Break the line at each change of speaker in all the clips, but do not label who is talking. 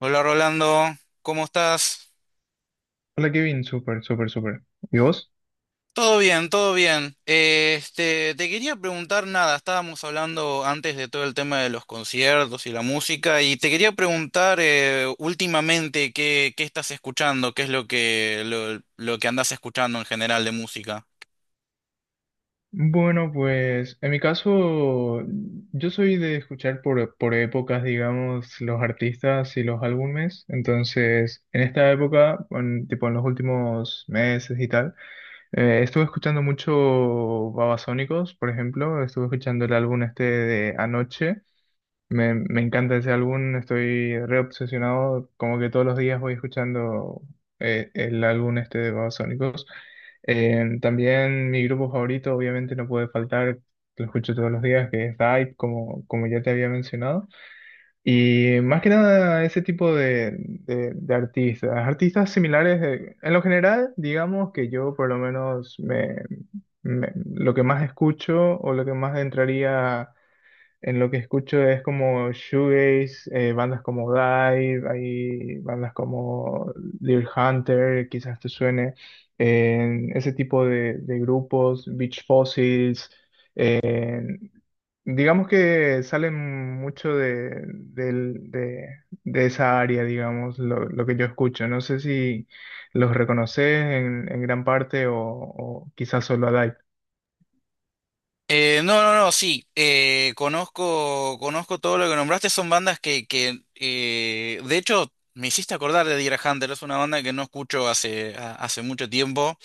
Hola Rolando, ¿cómo estás?
Hola Kevin, súper, súper, súper. ¿Y vos?
Todo bien, todo bien. Te quería preguntar nada, estábamos hablando antes de todo el tema de los conciertos y la música, y te quería preguntar últimamente qué estás escuchando, qué es lo que, lo que andas escuchando en general de música.
Bueno, pues en mi caso, yo soy de escuchar por épocas, digamos, los artistas y los álbumes. Entonces, en esta época, tipo en los últimos meses y tal, estuve escuchando mucho Babasónicos, por ejemplo. Estuve escuchando el álbum este de Anoche. Me encanta ese álbum, estoy reobsesionado, como que todos los días voy escuchando el álbum este de Babasónicos. También mi grupo favorito, obviamente no puede faltar, lo escucho todos los días, que es Dive, como ya te había mencionado. Y más que nada ese tipo de artistas, artistas similares, en lo general, digamos que yo por lo menos lo que más escucho o lo que más entraría en lo que escucho es como shoegaze, bandas como Dive, hay bandas como Deer Hunter, quizás te suene, en ese tipo de grupos, Beach Fossils, digamos que salen mucho de esa área, digamos, lo que yo escucho. No sé si los reconoces en gran parte o quizás solo a Dive.
No, no, no, sí, conozco, conozco todo lo que nombraste, son bandas que de hecho, me hiciste acordar de Deer Hunter, es una banda que no escucho hace, hace mucho tiempo.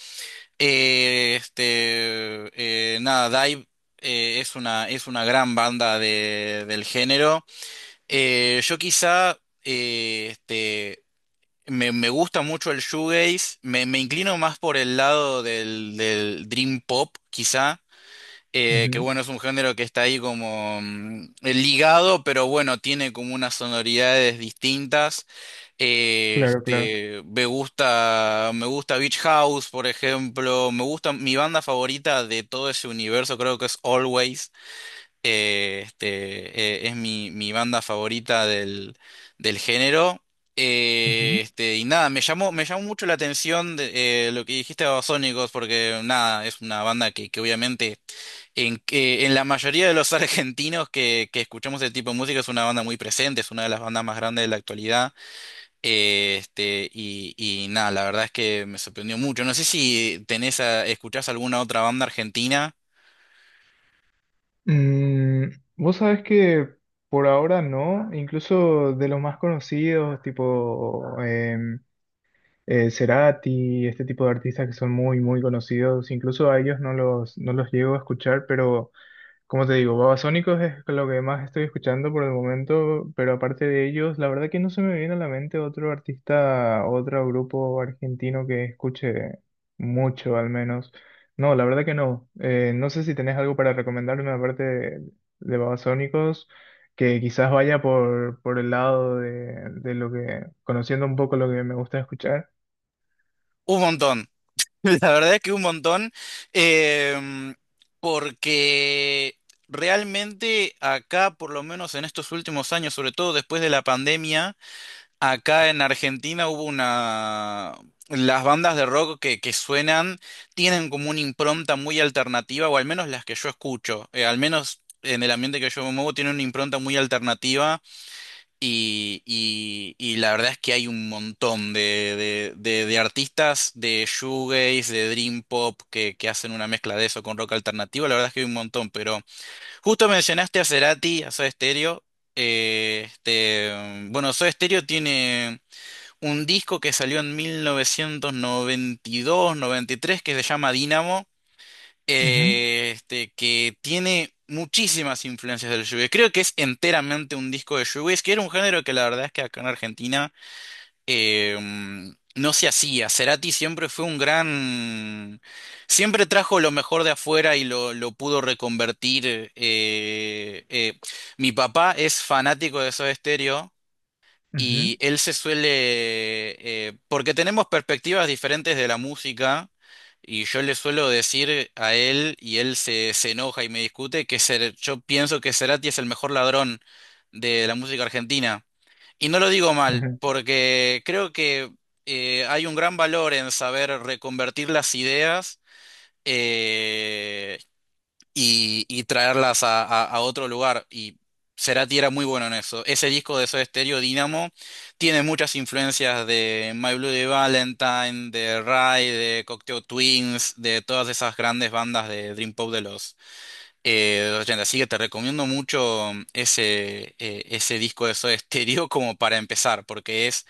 Nada, Dive es una gran banda del género. Yo quizá eh, este, me, me gusta mucho el shoegaze, me inclino más por el lado del, del dream pop, quizá. Que
Ujú.
bueno, es un género que está ahí como ligado, pero bueno, tiene como unas sonoridades distintas.
Claro, claro.
Me gusta Beach House, por ejemplo. Me gusta, mi banda favorita de todo ese universo creo que es Always. Es mi, mi banda favorita del, del género. Y nada, me llamó mucho la atención de, lo que dijiste de Babasónicos, porque nada, es una banda que obviamente que en la mayoría de los argentinos que escuchamos este tipo de música es una banda muy presente, es una de las bandas más grandes de la actualidad. Y nada, la verdad es que me sorprendió mucho. No sé si tenés escuchás alguna otra banda argentina.
Mm, vos sabés que por ahora no, incluso de los más conocidos, tipo Cerati, este tipo de artistas que son muy, muy conocidos, incluso a ellos no los llego a escuchar, pero como te digo, Babasónicos es lo que más estoy escuchando por el momento, pero aparte de ellos, la verdad que no se me viene a la mente otro artista, otro grupo argentino que escuche mucho al menos. No, la verdad que no. No sé si tenés algo para recomendarme aparte de Babasónicos, que quizás vaya por el lado de lo que, conociendo un poco lo que me gusta escuchar.
Un montón. La verdad es que un montón. em, Porque realmente acá, por lo menos en estos últimos años, sobre todo después de la pandemia. Acá en Argentina hubo una... Las bandas de rock que suenan tienen como una impronta muy alternativa, o al menos las que yo escucho, al menos en el ambiente que yo me muevo, tienen una impronta muy alternativa y la verdad es que hay un montón de, de artistas de shoegaze, de dream pop, que hacen una mezcla de eso con rock alternativo, la verdad es que hay un montón, pero justo mencionaste a Cerati, a Soda Stereo, bueno, Soda Stereo tiene un disco que salió en 1992, 93, que se llama Dynamo,
Ujú,
que tiene muchísimas influencias del shoegaze. Creo que es enteramente un disco de shoegaze, que era un género que la verdad es que acá en Argentina eh, mm, no se hacía. Cerati siempre fue un gran... Siempre trajo lo mejor de afuera y lo pudo reconvertir. eh, eh. Mi papá es fanático de Soda Stereo,
ujú,
y él se suele, porque tenemos perspectivas diferentes de la música, y yo le suelo decir a él, y él se, se enoja y me discute, que yo pienso que Cerati es el mejor ladrón de la música argentina. Y no lo digo mal,
ujú.
porque creo que hay un gran valor en saber reconvertir las ideas. eh, y, y traerlas a, a otro lugar. Y Cerati era muy bueno en eso. Ese disco de Soda Stereo, Dynamo, tiene muchas influencias de My Bloody Valentine, de Rai, de Cocteau Twins, de todas esas grandes bandas de Dream Pop de los 80. Así que te recomiendo mucho ese, ese disco de Soda Stereo como para empezar, porque es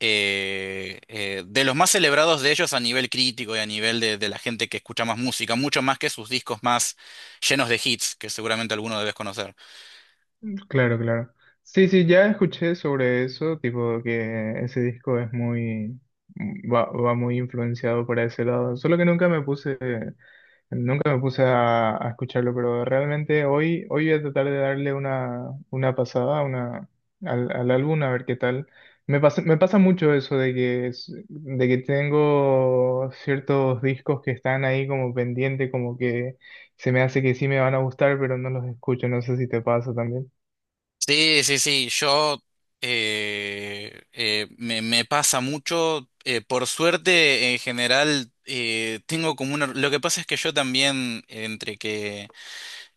de los más celebrados de ellos a nivel crítico y a nivel de la gente que escucha más música, mucho más que sus discos más llenos de hits, que seguramente alguno debes conocer.
Claro, claro. Sí, sí, ya escuché sobre eso, tipo que ese disco es muy, mm, va muy influenciado por ese lado. Solo que nunca me puse, nunca me puse a escucharlo, pero realmente hoy, hoy voy a tratar de darle una pasada, una, al álbum a ver qué tal. Me pasa mucho eso de de que tengo ciertos discos que están ahí como pendiente, como que se me hace que sí me van a gustar, pero no los escucho. No sé si te pasa también.
Sí, sí, sí, yo me, me pasa mucho, por suerte en general tengo como una... Lo que pasa es que yo también, entre que...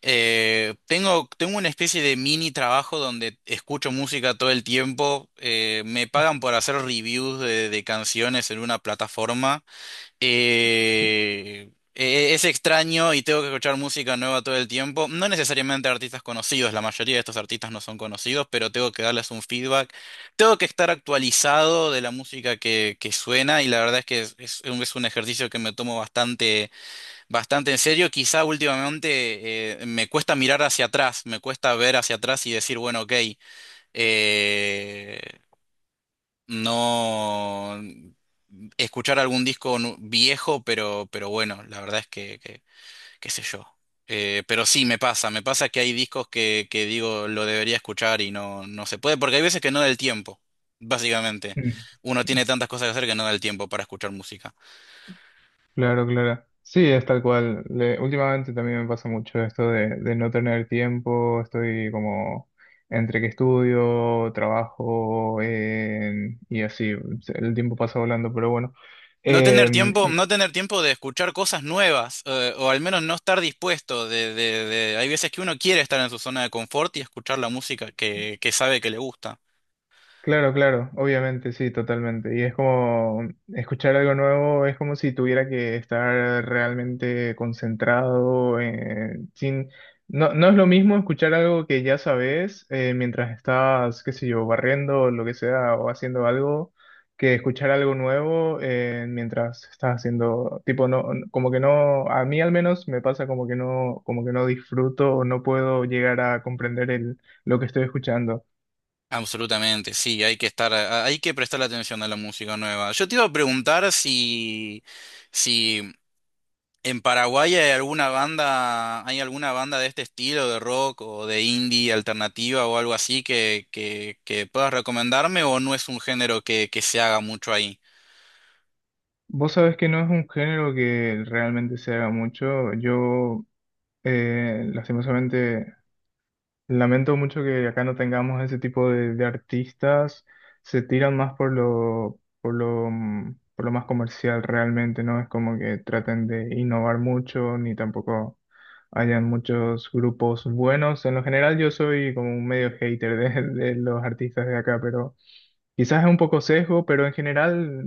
Tengo, tengo una especie de mini trabajo donde escucho música todo el tiempo. Me pagan por hacer reviews de canciones en una plataforma. Es extraño y tengo que escuchar música nueva todo el tiempo. No necesariamente artistas conocidos, la mayoría de estos artistas no son conocidos, pero tengo que darles un feedback. Tengo que estar actualizado de la música que suena y la verdad es que es un ejercicio que me tomo bastante. Bastante en serio, quizá últimamente me cuesta mirar hacia atrás, me cuesta ver hacia atrás y decir, bueno, ok, eh, no escuchar algún disco viejo, pero bueno, la verdad es que qué sé yo. Pero sí, me pasa que hay discos que digo, lo debería escuchar y no, no se puede, porque hay veces que no da el tiempo, básicamente.
Mm.
Uno tiene tantas cosas que hacer que no da el tiempo para escuchar música.
Claro, claro. Sí, es tal cual. Últimamente también me pasa mucho esto de no tener tiempo. Estoy como entre que estudio, trabajo, y así. El tiempo pasa volando, pero bueno.
No tener
Eh,
tiempo, no tener tiempo de escuchar cosas nuevas, o al menos no estar dispuesto de, hay veces que uno quiere estar en su zona de confort y escuchar la música que sabe que le gusta.
claro, claro, obviamente, sí, totalmente. Y es como escuchar algo nuevo, es como si tuviera que estar realmente concentrado, sin... No, no es lo mismo escuchar algo que ya sabes, mientras estás, qué sé yo, barriendo o lo que sea, o haciendo algo, que escuchar algo nuevo, mientras estás haciendo, tipo, no, como que no, a mí al menos me pasa como que no disfruto o no puedo llegar a comprender lo que estoy escuchando.
Absolutamente, sí, hay que estar, hay que prestar atención a la música nueva. Yo te iba a preguntar si ¿en Paraguay hay alguna banda de este estilo de rock o de indie alternativa o algo así que, que puedas recomendarme o no es un género que se haga mucho ahí?
Vos sabés que no es un género que realmente se haga mucho. Yo, lastimosamente, lamento mucho que acá no tengamos ese tipo de artistas. Se tiran más por por lo más comercial realmente, ¿no? Es como que traten de innovar mucho, ni tampoco hayan muchos grupos buenos. En lo general, yo soy como un medio hater de los artistas de acá, pero... Quizás es un poco sesgo, pero en general,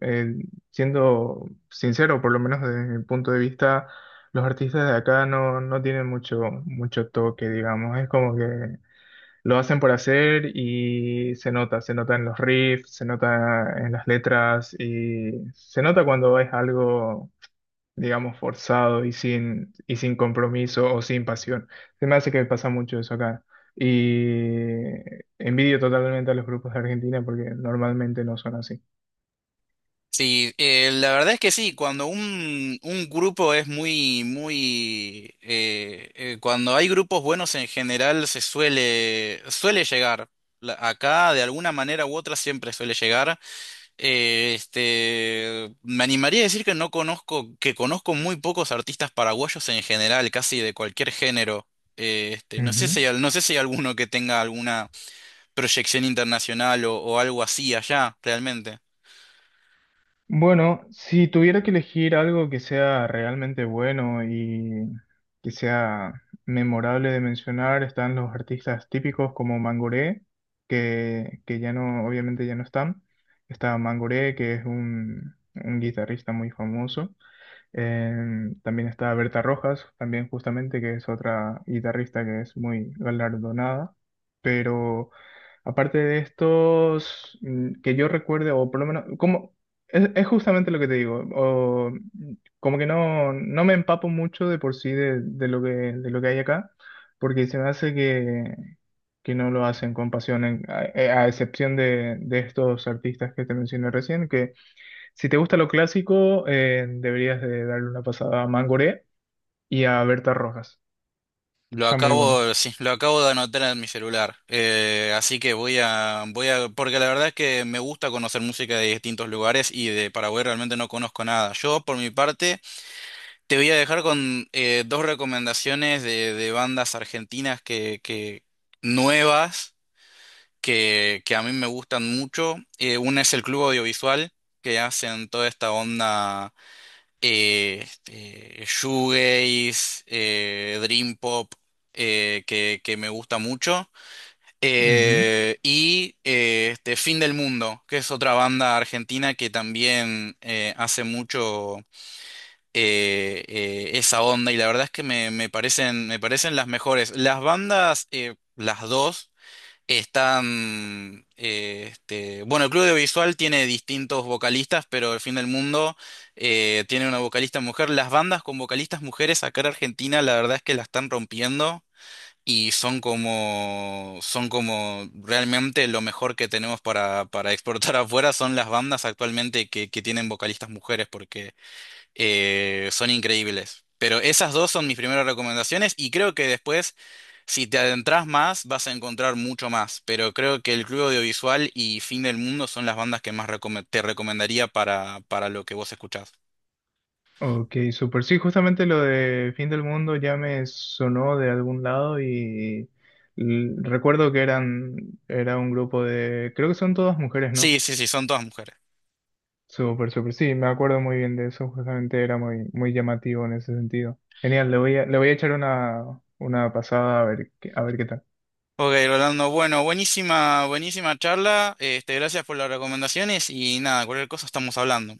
eh, siendo sincero, por lo menos desde mi punto de vista, los artistas de acá no, no tienen mucho, mucho toque, digamos. Es como que lo hacen por hacer y se nota en los riffs, se nota en las letras y se nota cuando es algo digamos, forzado y sin compromiso o sin pasión. Se me hace que pasa mucho eso acá. Y envidio totalmente a los grupos de Argentina porque normalmente no son así.
Sí, la verdad es que sí, cuando un grupo es muy, muy, cuando hay grupos buenos en general se suele, suele llegar. Acá de alguna manera u otra siempre suele llegar. Me animaría a decir que no conozco, que conozco muy pocos artistas paraguayos en general, casi de cualquier género. No sé
Ujú.
si hay, no sé si hay alguno que tenga alguna proyección internacional o algo así allá, realmente.
Bueno, si tuviera que elegir algo que sea realmente bueno y que sea memorable de mencionar, están los artistas típicos como Mangoré, que ya no, obviamente ya no están. Está Mangoré, que es un guitarrista muy famoso. Eh, también está Berta Rojas, también justamente, que es otra guitarrista que es muy galardonada. Pero aparte de estos, mm, que yo recuerde, o por lo menos, como, es justamente lo que te digo, o, mm, como que no, no me empapo mucho de por sí de lo que hay acá, porque se me hace que no lo hacen con pasión, a excepción de estos artistas que te mencioné recién, que si te gusta lo clásico, deberías de darle una pasada a Mangoré y a Berta Rojas.
Lo
Están muy buenos.
acabo, sí, lo acabo de anotar en mi celular. Así que voy a, voy a, porque la verdad es que me gusta conocer música de distintos lugares y de Paraguay realmente no conozco nada. Yo, por mi parte, te voy a dejar con dos recomendaciones de bandas argentinas que nuevas que a mí me gustan mucho. Una es el Club Audiovisual, que hacen toda esta onda shoegaze, dream pop, que me gusta mucho.
Ujú.
Fin del Mundo, que es otra banda argentina que también hace mucho esa onda y la verdad es que me, me parecen las mejores. Las bandas, las dos, están... bueno, el Club de Visual tiene distintos vocalistas, pero El Fin del Mundo tiene una vocalista mujer. Las bandas con vocalistas mujeres acá en Argentina, la verdad es que la están rompiendo. Y son como realmente lo mejor que tenemos para exportar afuera son las bandas actualmente que tienen vocalistas mujeres, son increíbles. Pero esas dos son mis primeras recomendaciones y creo que después, si te adentras más, vas a encontrar mucho más. Pero creo que El Club Audiovisual y Fin del Mundo son las bandas que más te recomendaría para lo que vos escuchás.
Ok, super. Sí, justamente lo de Fin del Mundo ya me sonó de algún lado y recuerdo que eran, era un grupo de, creo que son todas mujeres, ¿no?
Sí, sí, sí, son todas mujeres.
Super, super. Sí, me acuerdo muy bien de eso. Justamente era muy, muy llamativo en ese sentido. Genial, le voy a echar una pasada a ver, a ver qué tal.
Ok, Rolando, bueno, buenísima, buenísima charla. Este, gracias por las recomendaciones y nada, cualquier cosa estamos hablando.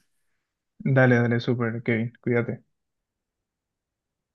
Dale, dale, super, Kevin. Cuídate.